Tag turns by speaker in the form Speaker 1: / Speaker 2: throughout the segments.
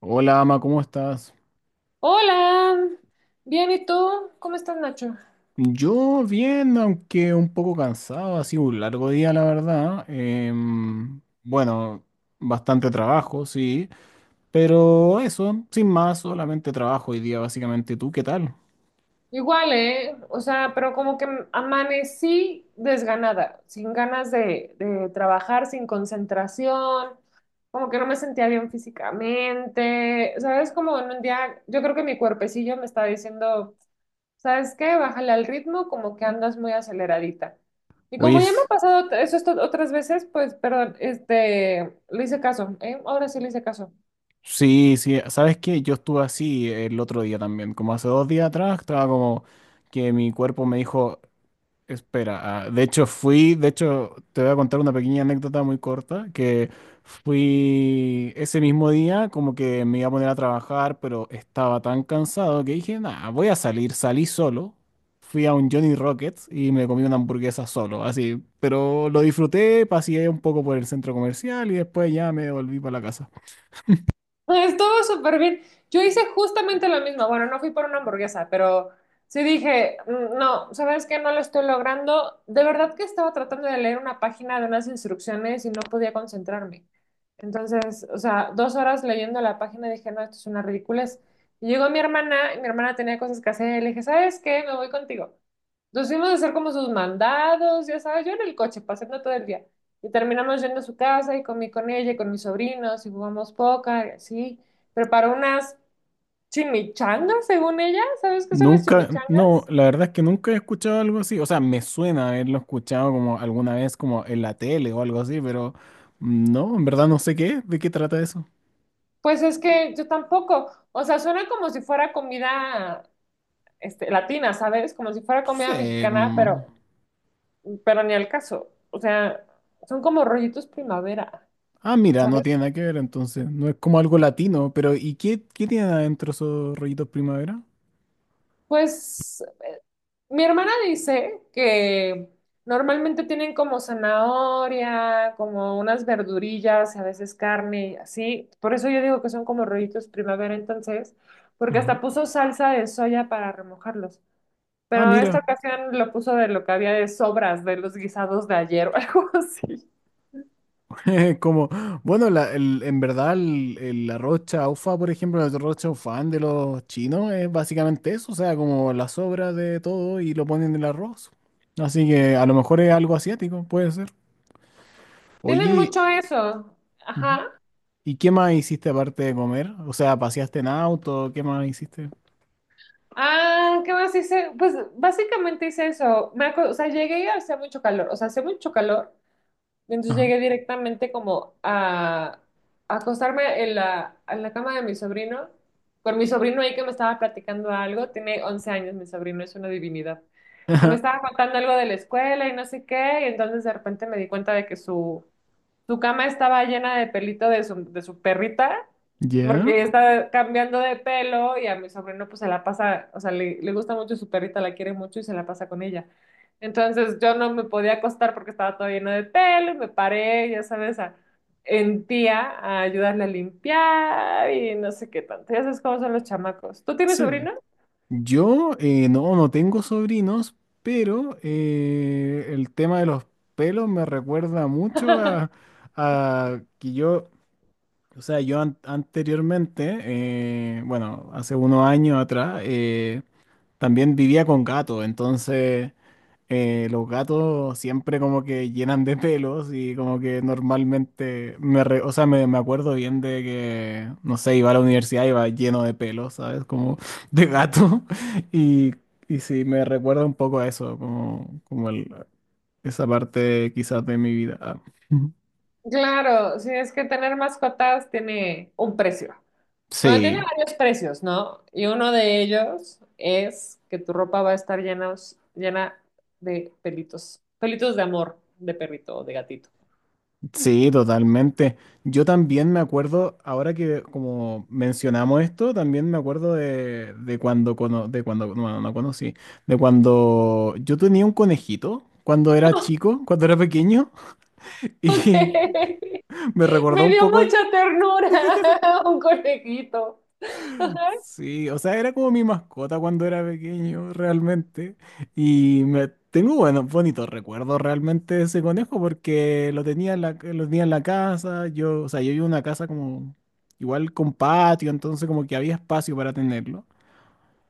Speaker 1: Hola, Ama, ¿cómo estás?
Speaker 2: Hola, bien, ¿y tú? ¿Cómo estás, Nacho?
Speaker 1: Yo bien, aunque un poco cansado, ha sido un largo día, la verdad. Bueno, bastante trabajo, sí, pero eso, sin más, solamente trabajo hoy día, básicamente. ¿Tú qué tal?
Speaker 2: Igual, ¿eh? O sea, pero como que amanecí desganada, sin ganas de trabajar, sin concentración, como que no me sentía bien físicamente, ¿sabes? Como en un día, yo creo que mi cuerpecillo me está diciendo, ¿sabes qué? Bájale al ritmo, como que andas muy aceleradita. Y
Speaker 1: Oye,
Speaker 2: como ya me ha pasado eso esto otras veces, pues, perdón, le hice caso, ¿eh? Ahora sí le hice caso.
Speaker 1: sí, sí, ¿sabes qué? Yo estuve así el otro día también, como hace 2 días atrás, estaba como que mi cuerpo me dijo, espera, ah, de hecho fui, de hecho te voy a contar una pequeña anécdota muy corta, que fui ese mismo día como que me iba a poner a trabajar, pero estaba tan cansado que dije, nada, voy a salir, salí solo, fui a un Johnny Rockets y me comí una hamburguesa solo, así, pero lo disfruté, paseé un poco por el centro comercial y después ya me volví para la casa.
Speaker 2: Estuvo súper bien. Yo hice justamente lo mismo. Bueno, no fui por una hamburguesa, pero sí dije, "Mm, no, ¿sabes qué? No lo estoy logrando". De verdad que estaba tratando de leer una página de unas instrucciones y no podía concentrarme. Entonces, o sea, 2 horas leyendo la página dije, no, esto es una ridiculez. Y llegó mi hermana, y mi hermana tenía cosas que hacer, y le dije, ¿sabes qué? Me voy contigo. Nos fuimos a hacer como sus mandados, ya sabes, yo en el coche, pasando todo el día. Y terminamos yendo a su casa y comí con ella y con mis sobrinos y jugamos póker y así. Preparó unas chimichangas, según ella. ¿Sabes qué son las
Speaker 1: Nunca, no,
Speaker 2: chimichangas?
Speaker 1: la verdad es que nunca he escuchado algo así. O sea, me suena haberlo escuchado como alguna vez como en la tele o algo así, pero no, en verdad no sé qué, es, de qué trata eso.
Speaker 2: Pues es que yo tampoco. O sea, suena como si fuera comida latina, ¿sabes? Como si fuera
Speaker 1: No
Speaker 2: comida mexicana,
Speaker 1: como-
Speaker 2: pero ni al caso. O sea, son como rollitos primavera,
Speaker 1: Ah, mira, no
Speaker 2: ¿sabes?
Speaker 1: tiene nada que ver entonces. No es como algo latino, pero ¿y qué, tiene adentro esos rollitos primavera?
Speaker 2: Pues mi hermana dice que normalmente tienen como zanahoria, como unas verdurillas, a veces carne, así. Por eso yo digo que son como rollitos primavera entonces, porque
Speaker 1: Ajá.
Speaker 2: hasta puso salsa de soya para remojarlos.
Speaker 1: Ah,
Speaker 2: Pero esta
Speaker 1: mira,
Speaker 2: ocasión lo puso de lo que había de sobras de los guisados de ayer o algo así.
Speaker 1: como, bueno, en verdad la rocha chaufa, por ejemplo, el arroz chaufán de los chinos es básicamente eso, o sea, como la sobra de todo y lo ponen en el arroz. Así que a lo mejor es algo asiático, puede ser.
Speaker 2: Tienen
Speaker 1: Oye,
Speaker 2: mucho eso.
Speaker 1: ujú,
Speaker 2: Ajá.
Speaker 1: ¿y qué más hiciste aparte de comer? O sea, ¿paseaste en auto? ¿Qué más hiciste?
Speaker 2: Ah, ¿qué más hice? Pues básicamente hice eso. O sea, llegué y hacía mucho calor. O sea, hacía mucho calor. Entonces
Speaker 1: Ajá.
Speaker 2: llegué directamente como a acostarme en la cama de mi sobrino, con mi sobrino ahí que me estaba platicando algo, tiene 11 años mi sobrino, es una divinidad, y me estaba contando algo de la escuela y no sé qué, y entonces de repente me di cuenta de que su cama estaba llena de pelito de su perrita,
Speaker 1: ¿Ya?
Speaker 2: porque está cambiando de pelo y a mi sobrino pues se la pasa, o sea, le gusta mucho su perrita, la quiere mucho y se la pasa con ella. Entonces yo no me podía acostar porque estaba todo lleno de pelo y me paré, ya sabes, en tía a ayudarle a limpiar y no sé qué tanto. Ya sabes cómo son los chamacos. ¿Tú tienes
Speaker 1: Sí.
Speaker 2: sobrino?
Speaker 1: Yo no, no tengo sobrinos, pero el tema de los pelos me recuerda mucho a, que yo, o sea, yo anteriormente, bueno, hace unos años atrás, también vivía con gatos, entonces los gatos siempre como que llenan de pelos y como que normalmente, o sea, me acuerdo bien de que, no sé, iba a la universidad, iba lleno de pelos, ¿sabes? Como de gato. Y, y sí, me recuerda un poco a eso, como, como esa parte quizás de mi vida.
Speaker 2: Claro, sí, es que tener mascotas tiene un precio. Bueno, tiene
Speaker 1: Sí,
Speaker 2: varios precios, ¿no? Y uno de ellos es que tu ropa va a estar llena, llena de pelitos, pelitos de amor, de perrito o de gatito.
Speaker 1: sí, totalmente. Yo también me acuerdo, ahora que como mencionamos esto, también me acuerdo de cuando, de cuando, no, no conocí, de cuando yo tenía un conejito cuando era chico, cuando era pequeño,
Speaker 2: Ok,
Speaker 1: y me recordó
Speaker 2: me
Speaker 1: un
Speaker 2: dio
Speaker 1: poco.
Speaker 2: mucha ternura un conejito.
Speaker 1: Sí, o sea, era como mi mascota cuando era pequeño, realmente. Y me tengo buenos, bonitos recuerdos realmente de ese conejo porque lo tenía en la casa. Yo, o sea, yo vivo en una casa como igual con patio, entonces como que había espacio para tenerlo.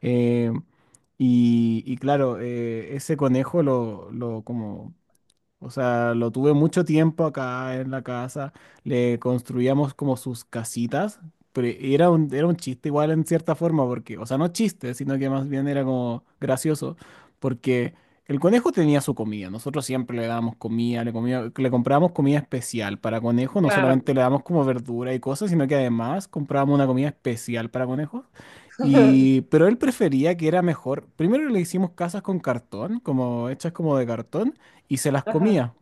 Speaker 1: Eh, y claro, ese conejo lo como o sea, lo tuve mucho tiempo acá en la casa. Le construíamos como sus casitas. Pero era era un chiste igual en cierta forma, porque, o sea, no chiste, sino que más bien era como gracioso, porque el conejo tenía su comida. Nosotros siempre le dábamos comida, le comprábamos comida especial para conejo. No
Speaker 2: Claro.
Speaker 1: solamente le damos como verdura y cosas, sino que además comprábamos una comida especial para conejos. Y, pero él prefería que era mejor. Primero le hicimos casas con cartón, como hechas como de cartón y se las
Speaker 2: Ajá.
Speaker 1: comía.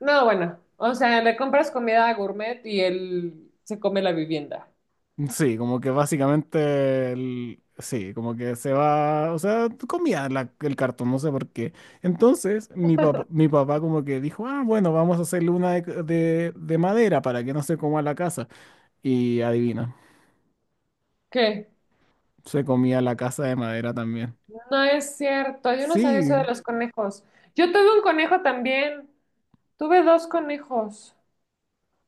Speaker 2: No, bueno, o sea, le compras comida a gourmet y él se come la vivienda.
Speaker 1: Sí, como que básicamente, sí, como que se va, o sea, comía el cartón, no sé por qué. Entonces, mi papá como que dijo, ah, bueno, vamos a hacerle una de madera para que no se coma la casa. Y adivina,
Speaker 2: ¿Qué?
Speaker 1: se comía la casa de madera también.
Speaker 2: No es cierto, yo no sabía eso
Speaker 1: Sí,
Speaker 2: de los conejos. Yo tuve un conejo también, tuve dos conejos.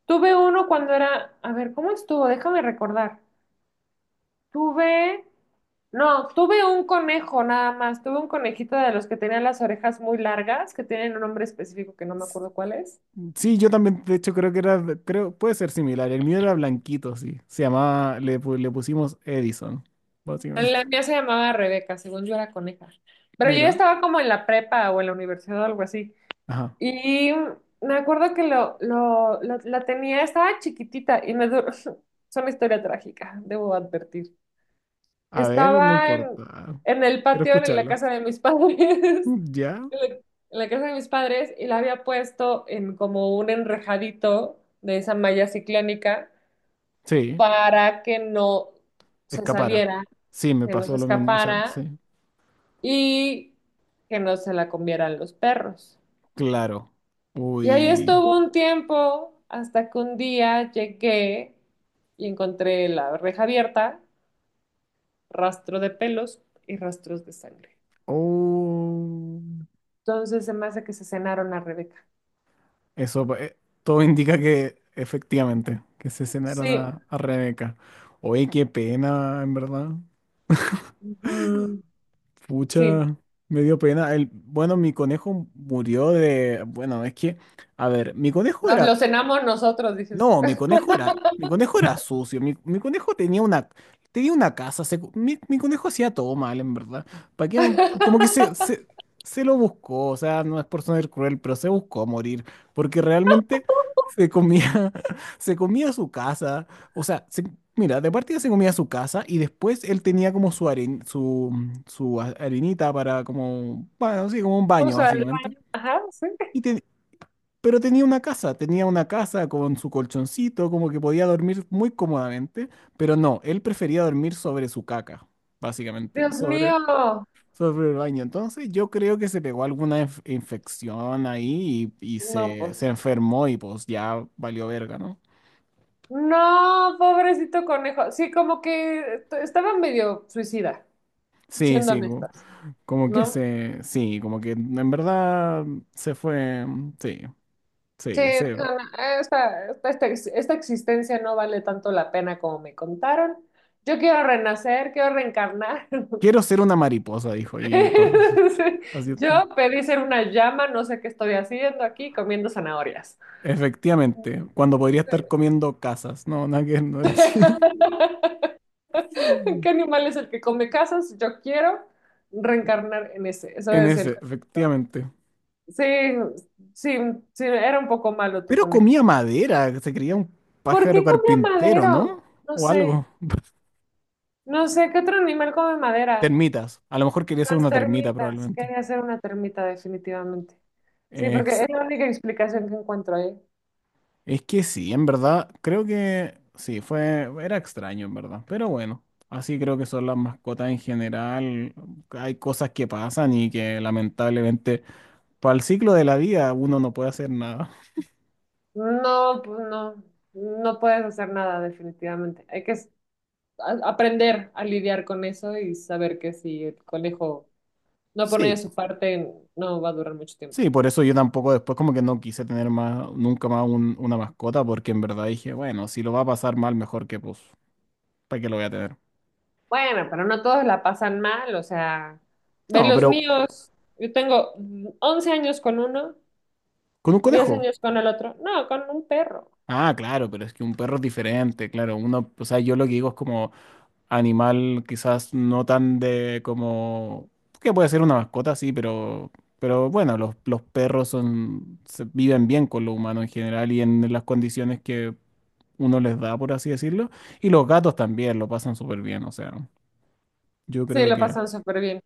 Speaker 2: Tuve uno cuando era, a ver, ¿cómo estuvo? Déjame recordar. Tuve, no, tuve un conejo nada más. Tuve un conejito de los que tenían las orejas muy largas, que tienen un nombre específico que no me acuerdo cuál es.
Speaker 1: sí, yo también, de hecho, creo que era, creo, puede ser similar. El mío era blanquito, sí. Se llamaba, le pusimos Edison, básicamente.
Speaker 2: La mía se llamaba Rebeca, según yo era coneja. Pero yo
Speaker 1: Mira,
Speaker 2: estaba como en la prepa o en la universidad o algo así. Y me acuerdo que la tenía, estaba chiquitita y me duró. Es una historia trágica, debo advertir.
Speaker 1: a ver, no
Speaker 2: Estaba en,
Speaker 1: importa.
Speaker 2: en el
Speaker 1: Quiero
Speaker 2: patio, en la
Speaker 1: escucharlo.
Speaker 2: casa de mis padres,
Speaker 1: Mm, ¿ya?
Speaker 2: en la, en la casa de mis padres, y la había puesto en como un enrejadito de esa malla ciclónica
Speaker 1: Sí,
Speaker 2: para que no se
Speaker 1: escapara.
Speaker 2: saliera,
Speaker 1: Sí, me
Speaker 2: que no
Speaker 1: pasó
Speaker 2: se
Speaker 1: lo mismo, o sea,
Speaker 2: escapara
Speaker 1: sí.
Speaker 2: y que no se la comieran los perros.
Speaker 1: Claro.
Speaker 2: Y ahí
Speaker 1: Uy.
Speaker 2: estuvo un tiempo hasta que un día llegué y encontré la reja abierta, rastro de pelos y rastros de sangre.
Speaker 1: Oh.
Speaker 2: Entonces se me hace que se cenaron a Rebeca.
Speaker 1: Eso, todo indica que efectivamente, que se cenaron
Speaker 2: Sí,
Speaker 1: a, Rebeca. Oye, qué pena, en verdad.
Speaker 2: mm, sí,
Speaker 1: Pucha, me dio pena. Bueno, mi conejo murió de, bueno, es que, a ver, mi conejo
Speaker 2: nos lo
Speaker 1: era.
Speaker 2: cenamos nosotros, dices.
Speaker 1: No, mi conejo era sucio. Mi conejo tenía una casa. Mi conejo hacía todo mal, en verdad. ¿Para qué? Como que se lo buscó. O sea, no es por ser cruel, pero se buscó morir. Porque realmente se comía, se comía su casa. O sea, mira, de partida se comía su casa y después él tenía como su harinita para como, bueno, sí, como un baño,
Speaker 2: Vamos al
Speaker 1: básicamente.
Speaker 2: baño. Ajá, sí.
Speaker 1: y te- pero tenía una casa con su colchoncito, como que podía dormir muy cómodamente, pero no, él prefería dormir sobre su caca, básicamente,
Speaker 2: Dios
Speaker 1: sobre,
Speaker 2: mío,
Speaker 1: sobre el baño. Entonces yo creo que se pegó alguna infección ahí y
Speaker 2: no,
Speaker 1: se
Speaker 2: pues.
Speaker 1: enfermó y pues ya valió verga, ¿no?
Speaker 2: No, pobrecito conejo. Sí, como que estaba medio suicida,
Speaker 1: Sí,
Speaker 2: siendo
Speaker 1: sí, como,
Speaker 2: honestas,
Speaker 1: como que
Speaker 2: ¿no?
Speaker 1: se, sí, como que en verdad se fue, sí,
Speaker 2: Sí,
Speaker 1: sí, se.
Speaker 2: no, no, esta existencia no vale tanto la pena como me contaron. Yo quiero renacer, quiero reencarnar.
Speaker 1: Quiero ser una mariposa, dijo, y pues así está.
Speaker 2: Yo pedí ser una llama, no sé qué estoy haciendo aquí comiendo zanahorias.
Speaker 1: Efectivamente, cuando
Speaker 2: Sí.
Speaker 1: podría estar comiendo casas. No, nada que ver, no era así.
Speaker 2: ¿Qué animal es el que come casas? Yo quiero reencarnar en ese. Eso
Speaker 1: En
Speaker 2: es el
Speaker 1: ese,
Speaker 2: conejito.
Speaker 1: efectivamente.
Speaker 2: Sí, sí, sí, era un poco malo tu
Speaker 1: Pero
Speaker 2: conejo.
Speaker 1: comía madera, se creía un
Speaker 2: ¿Por
Speaker 1: pájaro
Speaker 2: qué comía
Speaker 1: carpintero, ¿no?
Speaker 2: madero? No
Speaker 1: O
Speaker 2: sé,
Speaker 1: algo.
Speaker 2: no sé, ¿qué otro animal come madera?
Speaker 1: Termitas. A lo mejor quería ser
Speaker 2: Las
Speaker 1: una termita,
Speaker 2: termitas.
Speaker 1: probablemente.
Speaker 2: Quería ser una termita definitivamente. Sí, porque
Speaker 1: Ex-
Speaker 2: es la única explicación que encuentro ahí.
Speaker 1: es que sí, en verdad, creo que sí, fue, era extraño, en verdad. Pero bueno, así creo que son las mascotas en general. Hay cosas que pasan y que lamentablemente, para el ciclo de la vida, uno no puede hacer nada.
Speaker 2: No, pues no, no puedes hacer nada definitivamente. Hay que aprender a lidiar con eso y saber que si el conejo no pone de
Speaker 1: Sí.
Speaker 2: su parte, no va a durar mucho tiempo.
Speaker 1: Sí, por eso yo tampoco después como que no quise tener más, nunca más una mascota, porque en verdad dije, bueno, si lo va a pasar mal, mejor que pues, ¿para qué lo voy a tener?
Speaker 2: Bueno, pero no todos la pasan mal, o sea, ve
Speaker 1: No,
Speaker 2: los
Speaker 1: pero
Speaker 2: míos. Yo tengo 11 años con uno,
Speaker 1: con un
Speaker 2: 10
Speaker 1: conejo.
Speaker 2: años con el otro. No, con un perro.
Speaker 1: Ah, claro, pero es que un perro es diferente, claro. Uno, o sea, yo lo que digo es como animal quizás no tan de como, que puede ser una mascota, sí, pero, bueno, los perros son, viven bien con lo humano en general y en las condiciones que uno les da, por así decirlo. Y los gatos también lo pasan súper bien, o sea. Yo
Speaker 2: Sí,
Speaker 1: creo
Speaker 2: lo
Speaker 1: que
Speaker 2: pasan súper bien.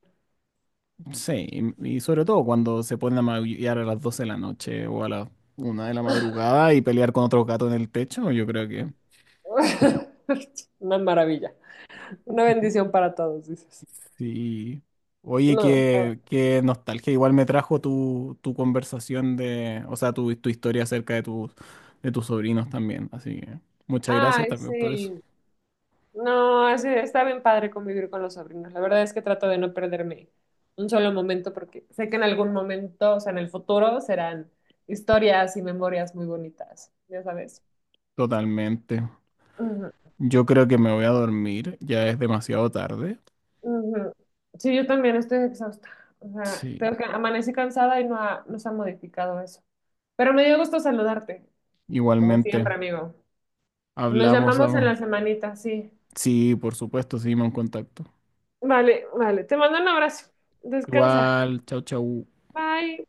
Speaker 1: sí, y sobre todo cuando se ponen a maullar a las 12 de la noche o a las 1 de la madrugada y pelear con otro gato en el techo, yo creo que
Speaker 2: Una maravilla. Una bendición para todos, dices.
Speaker 1: sí. Oye,
Speaker 2: No, no.
Speaker 1: qué, nostalgia. Igual me trajo tu conversación de, o sea, tu historia acerca de tus sobrinos también. Así que muchas gracias
Speaker 2: Ay,
Speaker 1: también por eso.
Speaker 2: sí. No, así está bien padre convivir con los sobrinos. La verdad es que trato de no perderme un solo momento porque sé que en algún momento, o sea, en el futuro, serán historias y memorias muy bonitas, ya sabes.
Speaker 1: Totalmente.
Speaker 2: Ujú,
Speaker 1: Yo creo que me voy a dormir, ya es demasiado tarde.
Speaker 2: ujú. Sí, yo también estoy exhausta. O sea,
Speaker 1: Sí,
Speaker 2: tengo que amanecí cansada y no, no se ha modificado eso. Pero me dio gusto saludarte, como siempre,
Speaker 1: igualmente.
Speaker 2: amigo. Nos
Speaker 1: Hablamos,
Speaker 2: llamamos en
Speaker 1: amo.
Speaker 2: la semanita, sí.
Speaker 1: Sí, por supuesto, seguimos en contacto.
Speaker 2: Vale, vale. Te mando un abrazo. Descansa.
Speaker 1: Igual, chau, chau.
Speaker 2: Bye.